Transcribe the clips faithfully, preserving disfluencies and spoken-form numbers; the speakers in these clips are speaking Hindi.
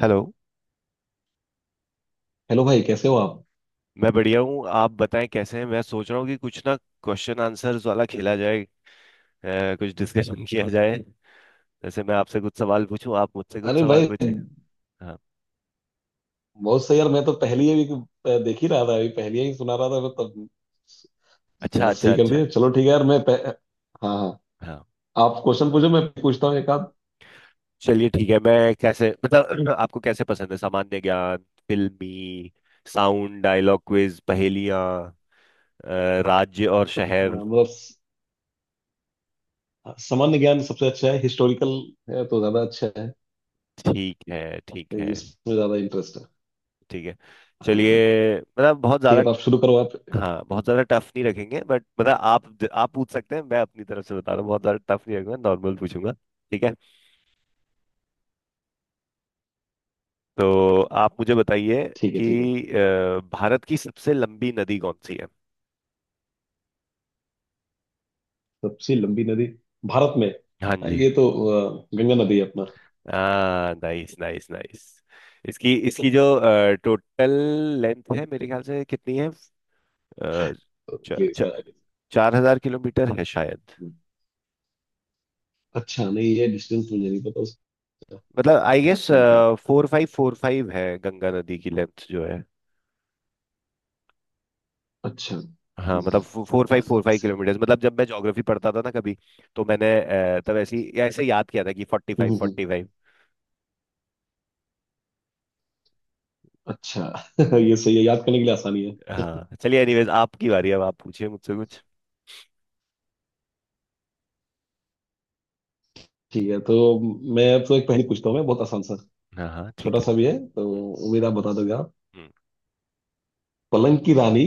हेलो। हेलो भाई, कैसे हो आप? मैं बढ़िया हूँ। आप बताएं कैसे हैं। मैं सोच रहा हूँ कि कुछ ना, क्वेश्चन आंसर्स वाला खेला जाए, अ, कुछ डिस्कशन किया जाए। जैसे मैं आपसे कुछ सवाल पूछूं, आप मुझसे कुछ अरे सवाल भाई, पूछें। हाँ। बहुत सही यार। मैं तो पहली ही अभी देख ही रहा था, अभी पहली ही सुना रहा था मैं तब। क्या अच्छा, अच्छा, सही कर अच्छा। दिया। चलो ठीक है यार। मैं पह... हाँ हाँ, हाँ, आप क्वेश्चन पूछो, मैं पूछता हूँ एक आध। चलिए ठीक है। मैं कैसे मतलब आपको कैसे पसंद है, सामान्य ज्ञान, फिल्मी साउंड, डायलॉग, क्विज, पहेलियाँ, अ, राज्य और अ, शहर। मतलब स- सामान्य ज्ञान सबसे अच्छा है। हिस्टोरिकल है तो ज्यादा अच्छा है। ठीक है, ठीक तो है, इसमें ज्यादा इंटरेस्ट है। ठीक है। हाँ हाँ, चलिए मतलब बहुत ठीक ज्यादा। है। तो आप शुरू करो आप। हाँ, बहुत ज्यादा टफ नहीं रखेंगे बट मतलब आप आप पूछ सकते हैं। मैं अपनी तरफ से बता रहा हूँ, बहुत ज्यादा टफ नहीं रखूंगा, नॉर्मल पूछूंगा। ठीक है। तो आप मुझे बताइए ठीक है कि ठीक है। अ, भारत की सबसे लंबी नदी कौन सी है? सबसे लंबी नदी भारत में। हाँ हाँ, जी। ये तो अ, गंगा नदी है अपना। हाँ, नाइस नाइस नाइस। इसकी इसकी जो टोटल लेंथ है मेरे ख्याल से कितनी है? आ, तो इसलिए इसका आगे। चार हजार किलोमीटर है शायद। हम्म। अच्छा, नहीं ये डिस्टेंस मुझे नहीं पता उसका। मतलब I guess hmm, hmm. Four five four five है गंगा नदी की लेंथ जो है। अच्छा, हाँ हम्म मतलब हम्म, फोर फाइव हाँ, फोर फाइव सही किलोमीटर मतलब जब मैं ज्योग्राफी पढ़ता था ना कभी, तो मैंने अ, तब ऐसी ऐसे याद किया था कि फोर्टी है। फाइव हम्म, हम्म, हम्म, फोर्टी फाइव अच्छा। ये सही है, याद करने के लिए आसानी है। हाँ चलिए, एनीवेज आपकी बारी, अब आप पूछिए मुझसे कुछ। ठीक है, तो मैं अब तो एक पहेली पूछता हूँ मैं, बहुत आसान सा हाँ हाँ, ठीक छोटा है। सा भी है, तो उम्मीद आप बता दोगे आप। हम्म, पलंग की रानी,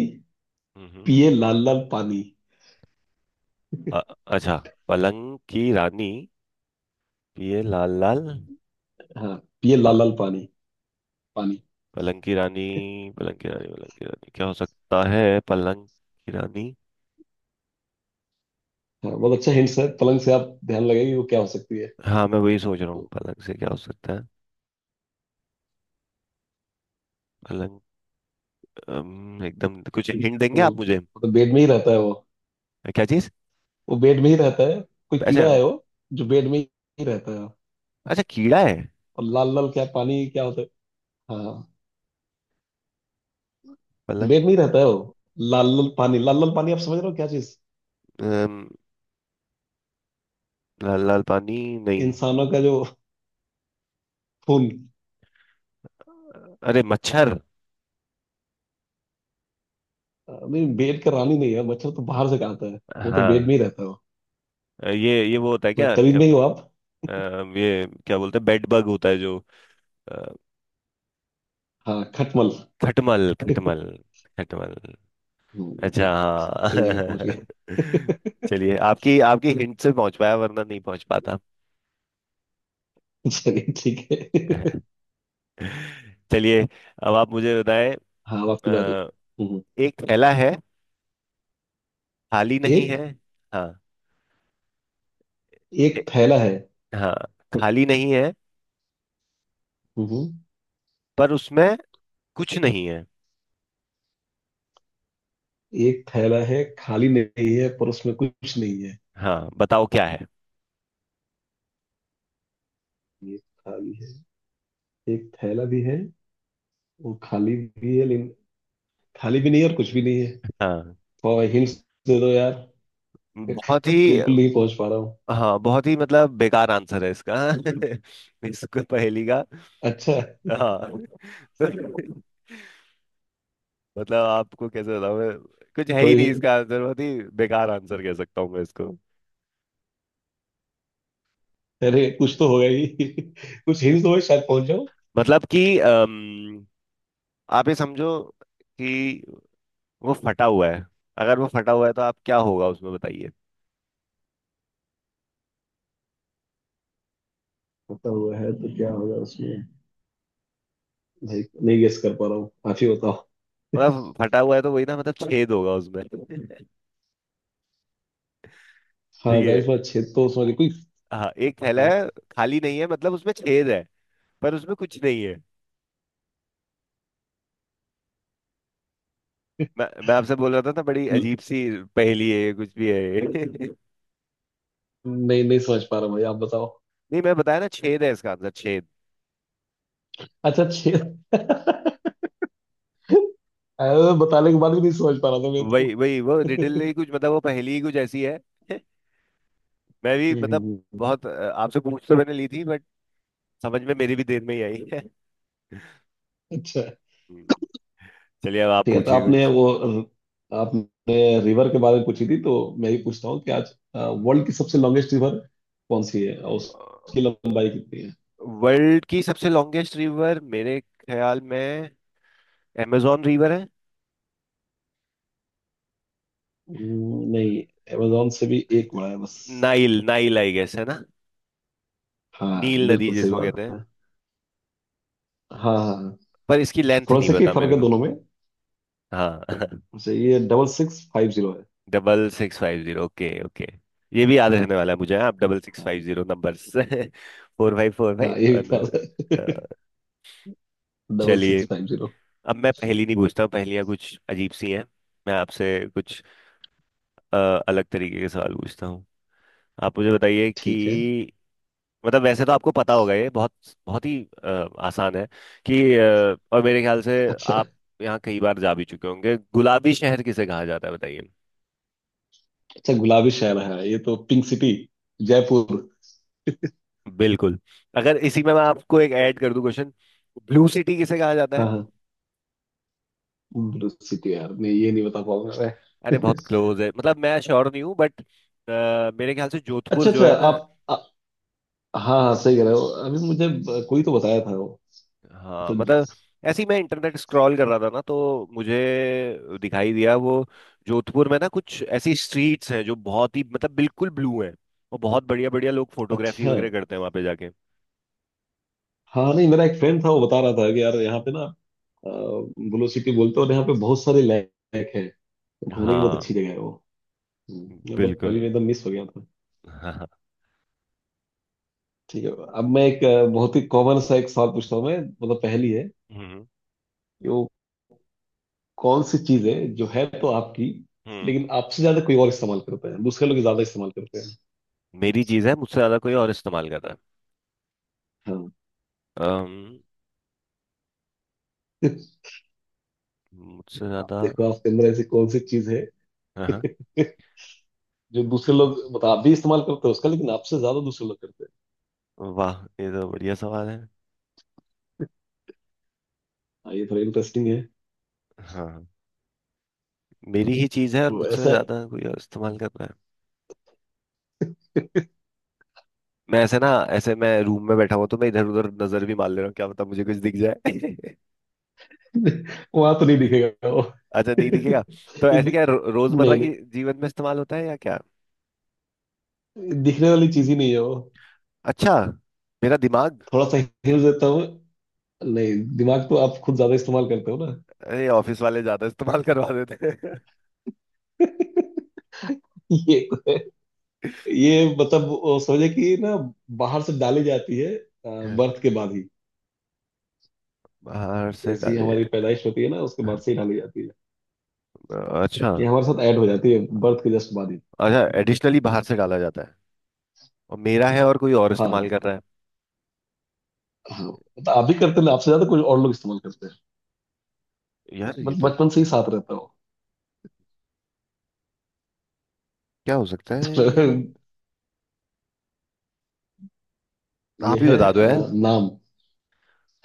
हम्म, हम्म। पिए लाल लाल पानी। अ- अच्छा। पलंग की रानी। पिए लाल लाल हाँ, पिए लाल पान। लाल पानी। पानी। पलंग की रानी। पलंग की रानी, पलंग की रानी क्या हो सकता है? पलंग की रानी? हाँ, बहुत अच्छा हिंट्स है। पलंग से आप ध्यान लगाइए, वो क्या हो सकती है। हाँ मैं वही सोच रहा हूँ तो पलंग से क्या हो सकता है। पलंग। अम, एकदम कुछ हिंट देंगे वो आप मुझे? मतलब बेड में ही रहता है वो। क्या चीज? वो बेड में ही रहता है, कोई अच्छा। कीड़ा है वो, जो बेड में ही रहता है। अच्छा, कीड़ा है। और लाल लाल क्या पानी क्या होता है? हाँ, पलंग। वेट नहीं रहता है वो। लाल लाल पानी, लाल लाल पानी, आप समझ रहे हो क्या चीज। अम, लाल लाल पानी। नहीं। इंसानों का जो खून। अरे मच्छर। अ, नहीं बेड का रानी नहीं है, मच्छर तो बाहर से खाता है। वो तो बेड हाँ। में ही रहता है वो। ये ये वो होता है तो क्या करीब क्या? में ही हो आप। अम, ये क्या बोलते हैं, बेड बग होता है जो अ, हाँ, खटमल। खटमल, खटमल। खटमल। हम्म, अच्छा बिल्कुल। हाँ। सही जगह पहुंच गए। चलिए, आपकी आपकी हिंट से पहुंच पाया, वरना नहीं पहुंच पाता। चलिए ठीक है। चलिए, अब आप मुझे बताएं। हाँ, अब आपकी बारी। अ, हम्म, एक थैला है, खाली नहीं है। एक। हाँ। ए- एक थैला है। हाँ, खाली नहीं है हम्म, पर उसमें कुछ नहीं। एक थैला है, खाली नहीं है, पर उसमें कुछ नहीं है। हाँ, बताओ क्या है। ये खाली है, एक थैला भी है, वो खाली भी है, लेकिन खाली भी नहीं है और कुछ भी नहीं है। हाँ और हिंट्स दे दो यार, बहुत ही। बिल्कुल नहीं पहुंच पा रहा हूँ। हाँ बहुत ही मतलब बेकार आंसर है इसका, इसको पहेली का। अच्छा। हाँ, तो मतलब आपको कैसे बताऊँ मैं। कुछ है ही नहीं थोड़ी, इसका आंसर, बहुत ही बेकार आंसर कह सकता हूँ मैं इसको। अरे कुछ तो होगा ही। कुछ हिंट दो, शायद पहुंच जाऊं। मतलब कि अम, आप ये समझो कि वो फटा हुआ है। अगर वो फटा हुआ है तो आप क्या होगा उसमें बताइए। पता हुआ है तो क्या होगा उसमें? नहीं नहीं गेस कर पा रहा हूँ, आप ही बताओ। मतलब फटा हुआ है तो वही ना, मतलब छेद होगा उसमें। ठीक हाँ जाहिर सी है। बात, छेद तो समझ कोई। हाँ, एक थैला है, आप- खाली नहीं है मतलब उसमें छेद है, पर उसमें कुछ नहीं है। मैं मैं आपसे बोल रहा था ना, बड़ी अजीब सी पहेली है ये, कुछ भी है ये। नहीं नहीं समझ पा रहा भाई, आप बताओ। नहीं, मैं बताया ना, छेद है इसका आंसर, छेद। अच्छा, छेद। अरे, बताने के बाद भी नहीं समझ पा रहा था मैं तो। वही वही वो रिडल ही हम्म, कुछ मतलब, वो पहेली ही कुछ ऐसी है। मैं भी हम्म, मतलब हम्म। बहुत अ, आपसे पूछ तो मैंने ली थी बट समझ में मेरी भी देर में ही आई है। अच्छा हम्म। चलिए, अब आप ठीक है। तो पूछिए आपने कुछ। वो, आपने रिवर के बारे में पूछी थी, तो मैं भी पूछता हूँ कि आज वर्ल्ड की सबसे लॉन्गेस्ट रिवर कौन सी है और उसकी लंबाई कितनी है? वर्ल्ड की सबसे लॉन्गेस्ट रिवर मेरे ख्याल में amazon रिवर है। हम्म, नहीं। अमेजोन से भी एक बड़ा है बस। नाइल, नाइल आई गेस है ना? हाँ नील नदी बिल्कुल सही जिसको बात कहते हैं। है। हाँ हाँ हाँ। पर इसकी लेंथ थोड़ा नहीं सा ही पता फर्क मेरे है को। दोनों में। हाँ। वैसे ये डबल सिक्स फाइव जीरो है। Double six five zero, okay okay. ये भी याद रहने वाला है मुझे, हाँ, आप डबल सिक्स हाँ फाइव हाँ। Zero numbers, four five four हाँ, ये भी फाइव पास है। डबल सिक्स चलिए, फाइव जीरो। अब मैं पहेली नहीं पूछता हूँ, पहेलियाँ कुछ अजीब सी हैं। मैं आपसे कुछ अ, अलग तरीके के सवाल पूछता हूँ। आप मुझे बताइए कि ठीक है। मतलब वैसे तो आपको पता होगा, ये बहुत बहुत ही अ, आसान है, कि अ, और मेरे ख्याल से अच्छा, आप यहाँ कई बार जा भी चुके होंगे, गुलाबी शहर किसे कहा जाता है बताइए? अच्छा गुलाबी शहर, है ये तो पिंक सिटी, जयपुर। बिल्कुल। अगर इसी में मैं आपको एक ऐड कर दूं क्वेश्चन, ब्लू सिटी किसे कहा जाता है? हाँ हाँ। ब्लू सिटी यार नहीं, ये नहीं बता पाऊंगा अरे मैं। बहुत क्लोज है, मतलब मैं श्योर नहीं हूँ बट मेरे ख्याल से जोधपुर अच्छा जो अच्छा, है ना। आप आ, हाँ हाँ सही कह रहे हो, अभी मुझे ब- कोई तो बताया था वो। हाँ अच्छा। मतलब ऐसे ही मैं इंटरनेट स्क्रॉल कर रहा था ना, तो मुझे दिखाई दिया वो, जोधपुर में ना कुछ ऐसी स्ट्रीट्स हैं जो बहुत ही मतलब बिल्कुल ब्लू हैं। और बहुत बढ़िया बढ़िया लोग फोटोग्राफी अच्छा, वगैरह करते हैं वहां पे जाके। हाँ, नहीं मेरा एक फ्रेंड था, वो बता रहा था कि यार यहाँ पे ना ब्लू सिटी बोलते हैं, और यहाँ पे बहुत सारे लैक है, घूमने की बहुत हाँ। अच्छी जगह है वो। हम्म, बट बिल्कुल। अभी मैं एकदम मिस हो गया था। हाँ हाँ। ठीक है। अब मैं एक अ, बहुत ही कॉमन सा एक सवाल पूछता हूँ मैं, मतलब पहली है हम्म, कि वो कौन सी चीज है जो है तो आपकी, हम्म। लेकिन आपसे ज्यादा कोई और इस्तेमाल करता है, दूसरे लोग ज्यादा इस्तेमाल करते हैं। मेरी चीज है, मुझसे ज्यादा कोई और इस्तेमाल कर रहा हाँ, है? मुझसे आप ज्यादा। देखो आपके अंदर ऐसी कौन सी चीज है। हाँ हाँ। जो दूसरे लोग मतलब आप भी इस्तेमाल करते हो उसका, लेकिन आपसे ज्यादा दूसरे लोग करते हैं। वाह, ये तो बढ़िया सवाल है। हाँ, ये थोड़ा इंटरेस्टिंग है। हाँ। मेरी ही चीज है और वो मुझसे ऐसा। ज्यादा कोई और इस्तेमाल कर रहा है। मैं ऐसे ना, ऐसे मैं रूम में बैठा हुआ तो मैं इधर उधर नजर भी मार ले रहा हूँ, क्या पता मुझे कुछ दिख जाए। वहां तो नहीं दिखेगा वो। अच्छा, नहीं दिखेगा। तो ये ऐसे दि- क्या रो, रोजमर्रा नहीं की नहीं, जीवन में इस्तेमाल होता है या क्या? ये दिखने वाली चीज ही नहीं है वो। अच्छा, मेरा दिमाग। थोड़ा सा हिल देता हूँ। नहीं, दिमाग तो आप खुद ज्यादा इस्तेमाल करते हो ना। अरे, ऑफिस वाले ज्यादा इस्तेमाल करवा देते ये तो है। ये मतलब वो समझे कि ना, बाहर से डाली जाती है हैं। बर्थ के बाद ही। बाहर से जैसी डाले? हमारी पैदाइश होती है ना, उसके बाद से ही डाली जाती है। अच्छा। ये हमारे साथ ऐड हो जाती है बर्थ के जस्ट बाद ही। अच्छा, एडिशनली बाहर से डाला जाता है, और मेरा है और कोई और इस्तेमाल हाँ। कर रहा हाँ मतलब आप भी करते ना, आपसे ज्यादा कोई और लोग इस्तेमाल करते हैं। है? यार बट ये तो, बचपन से ही साथ रहता हो। क्या हो सकता है ये? ये आप ही है बता दो यार। अ, नाम,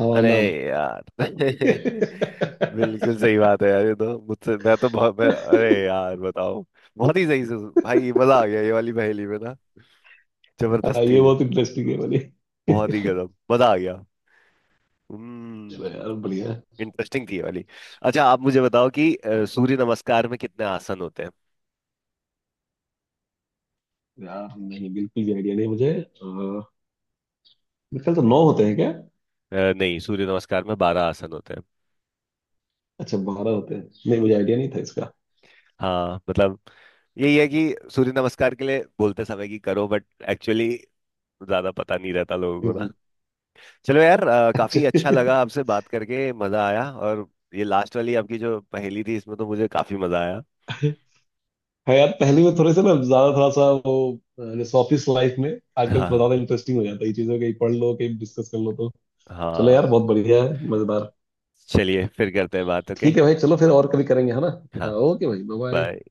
हमारा अरे नाम। यार, बिल्कुल सही बात है यार, ये तो मुझसे मैं तो बहुत मैं, अरे यार बताओ। बहुत ही सही से। भाई मजा आ गया ये वाली पहेली में ना। जबरदस्त हाँ, थी ये ये। बहुत इंटरेस्टिंग है वाली। बहुत ही गजब मजा आ गया। चलो हम्म। यार बढ़िया। इंटरेस्टिंग थी ये वाली। अच्छा, आप मुझे बताओ कि अ, सूर्य नमस्कार में कितने आसन होते हैं? यार नहीं, बिल्कुल भी आइडिया नहीं मुझे। अ, मेरे ख्याल से नौ होते हैं क्या? अ, नहीं, सूर्य नमस्कार में बारह आसन होते हैं। अच्छा, बारह होते हैं। नहीं, हम्म। मुझे आइडिया नहीं था इसका। हाँ मतलब यही है कि सूर्य नमस्कार के लिए बोलते समय कि करो, बट एक्चुअली ज्यादा पता नहीं रहता लोगों को ना। हम्म, चलो यार, अ, अच्छा। काफी अच्छा लगा, आपसे बात करके मजा आया, और ये लास्ट वाली आपकी जो पहेली थी इसमें तो मुझे काफी मजा आया। हाँ यार, पहले में थोड़े से ना ज्यादा थोड़ा सा वो, अ, जैसे ऑफिस लाइफ में आजकल थोड़ा हाँ, ज्यादा इंटरेस्टिंग हो जाता है, ये चीजें कहीं पढ़ लो कहीं डिस्कस कर लो तो। चलो यार, हाँ। बहुत बढ़िया है, मजेदार। चलिए, फिर करते हैं बात, ओके। ठीक है भाई, चलो फिर और कभी करेंगे, है ना। हाँ, हाँ, ओके भाई, बाय बाय। बाय।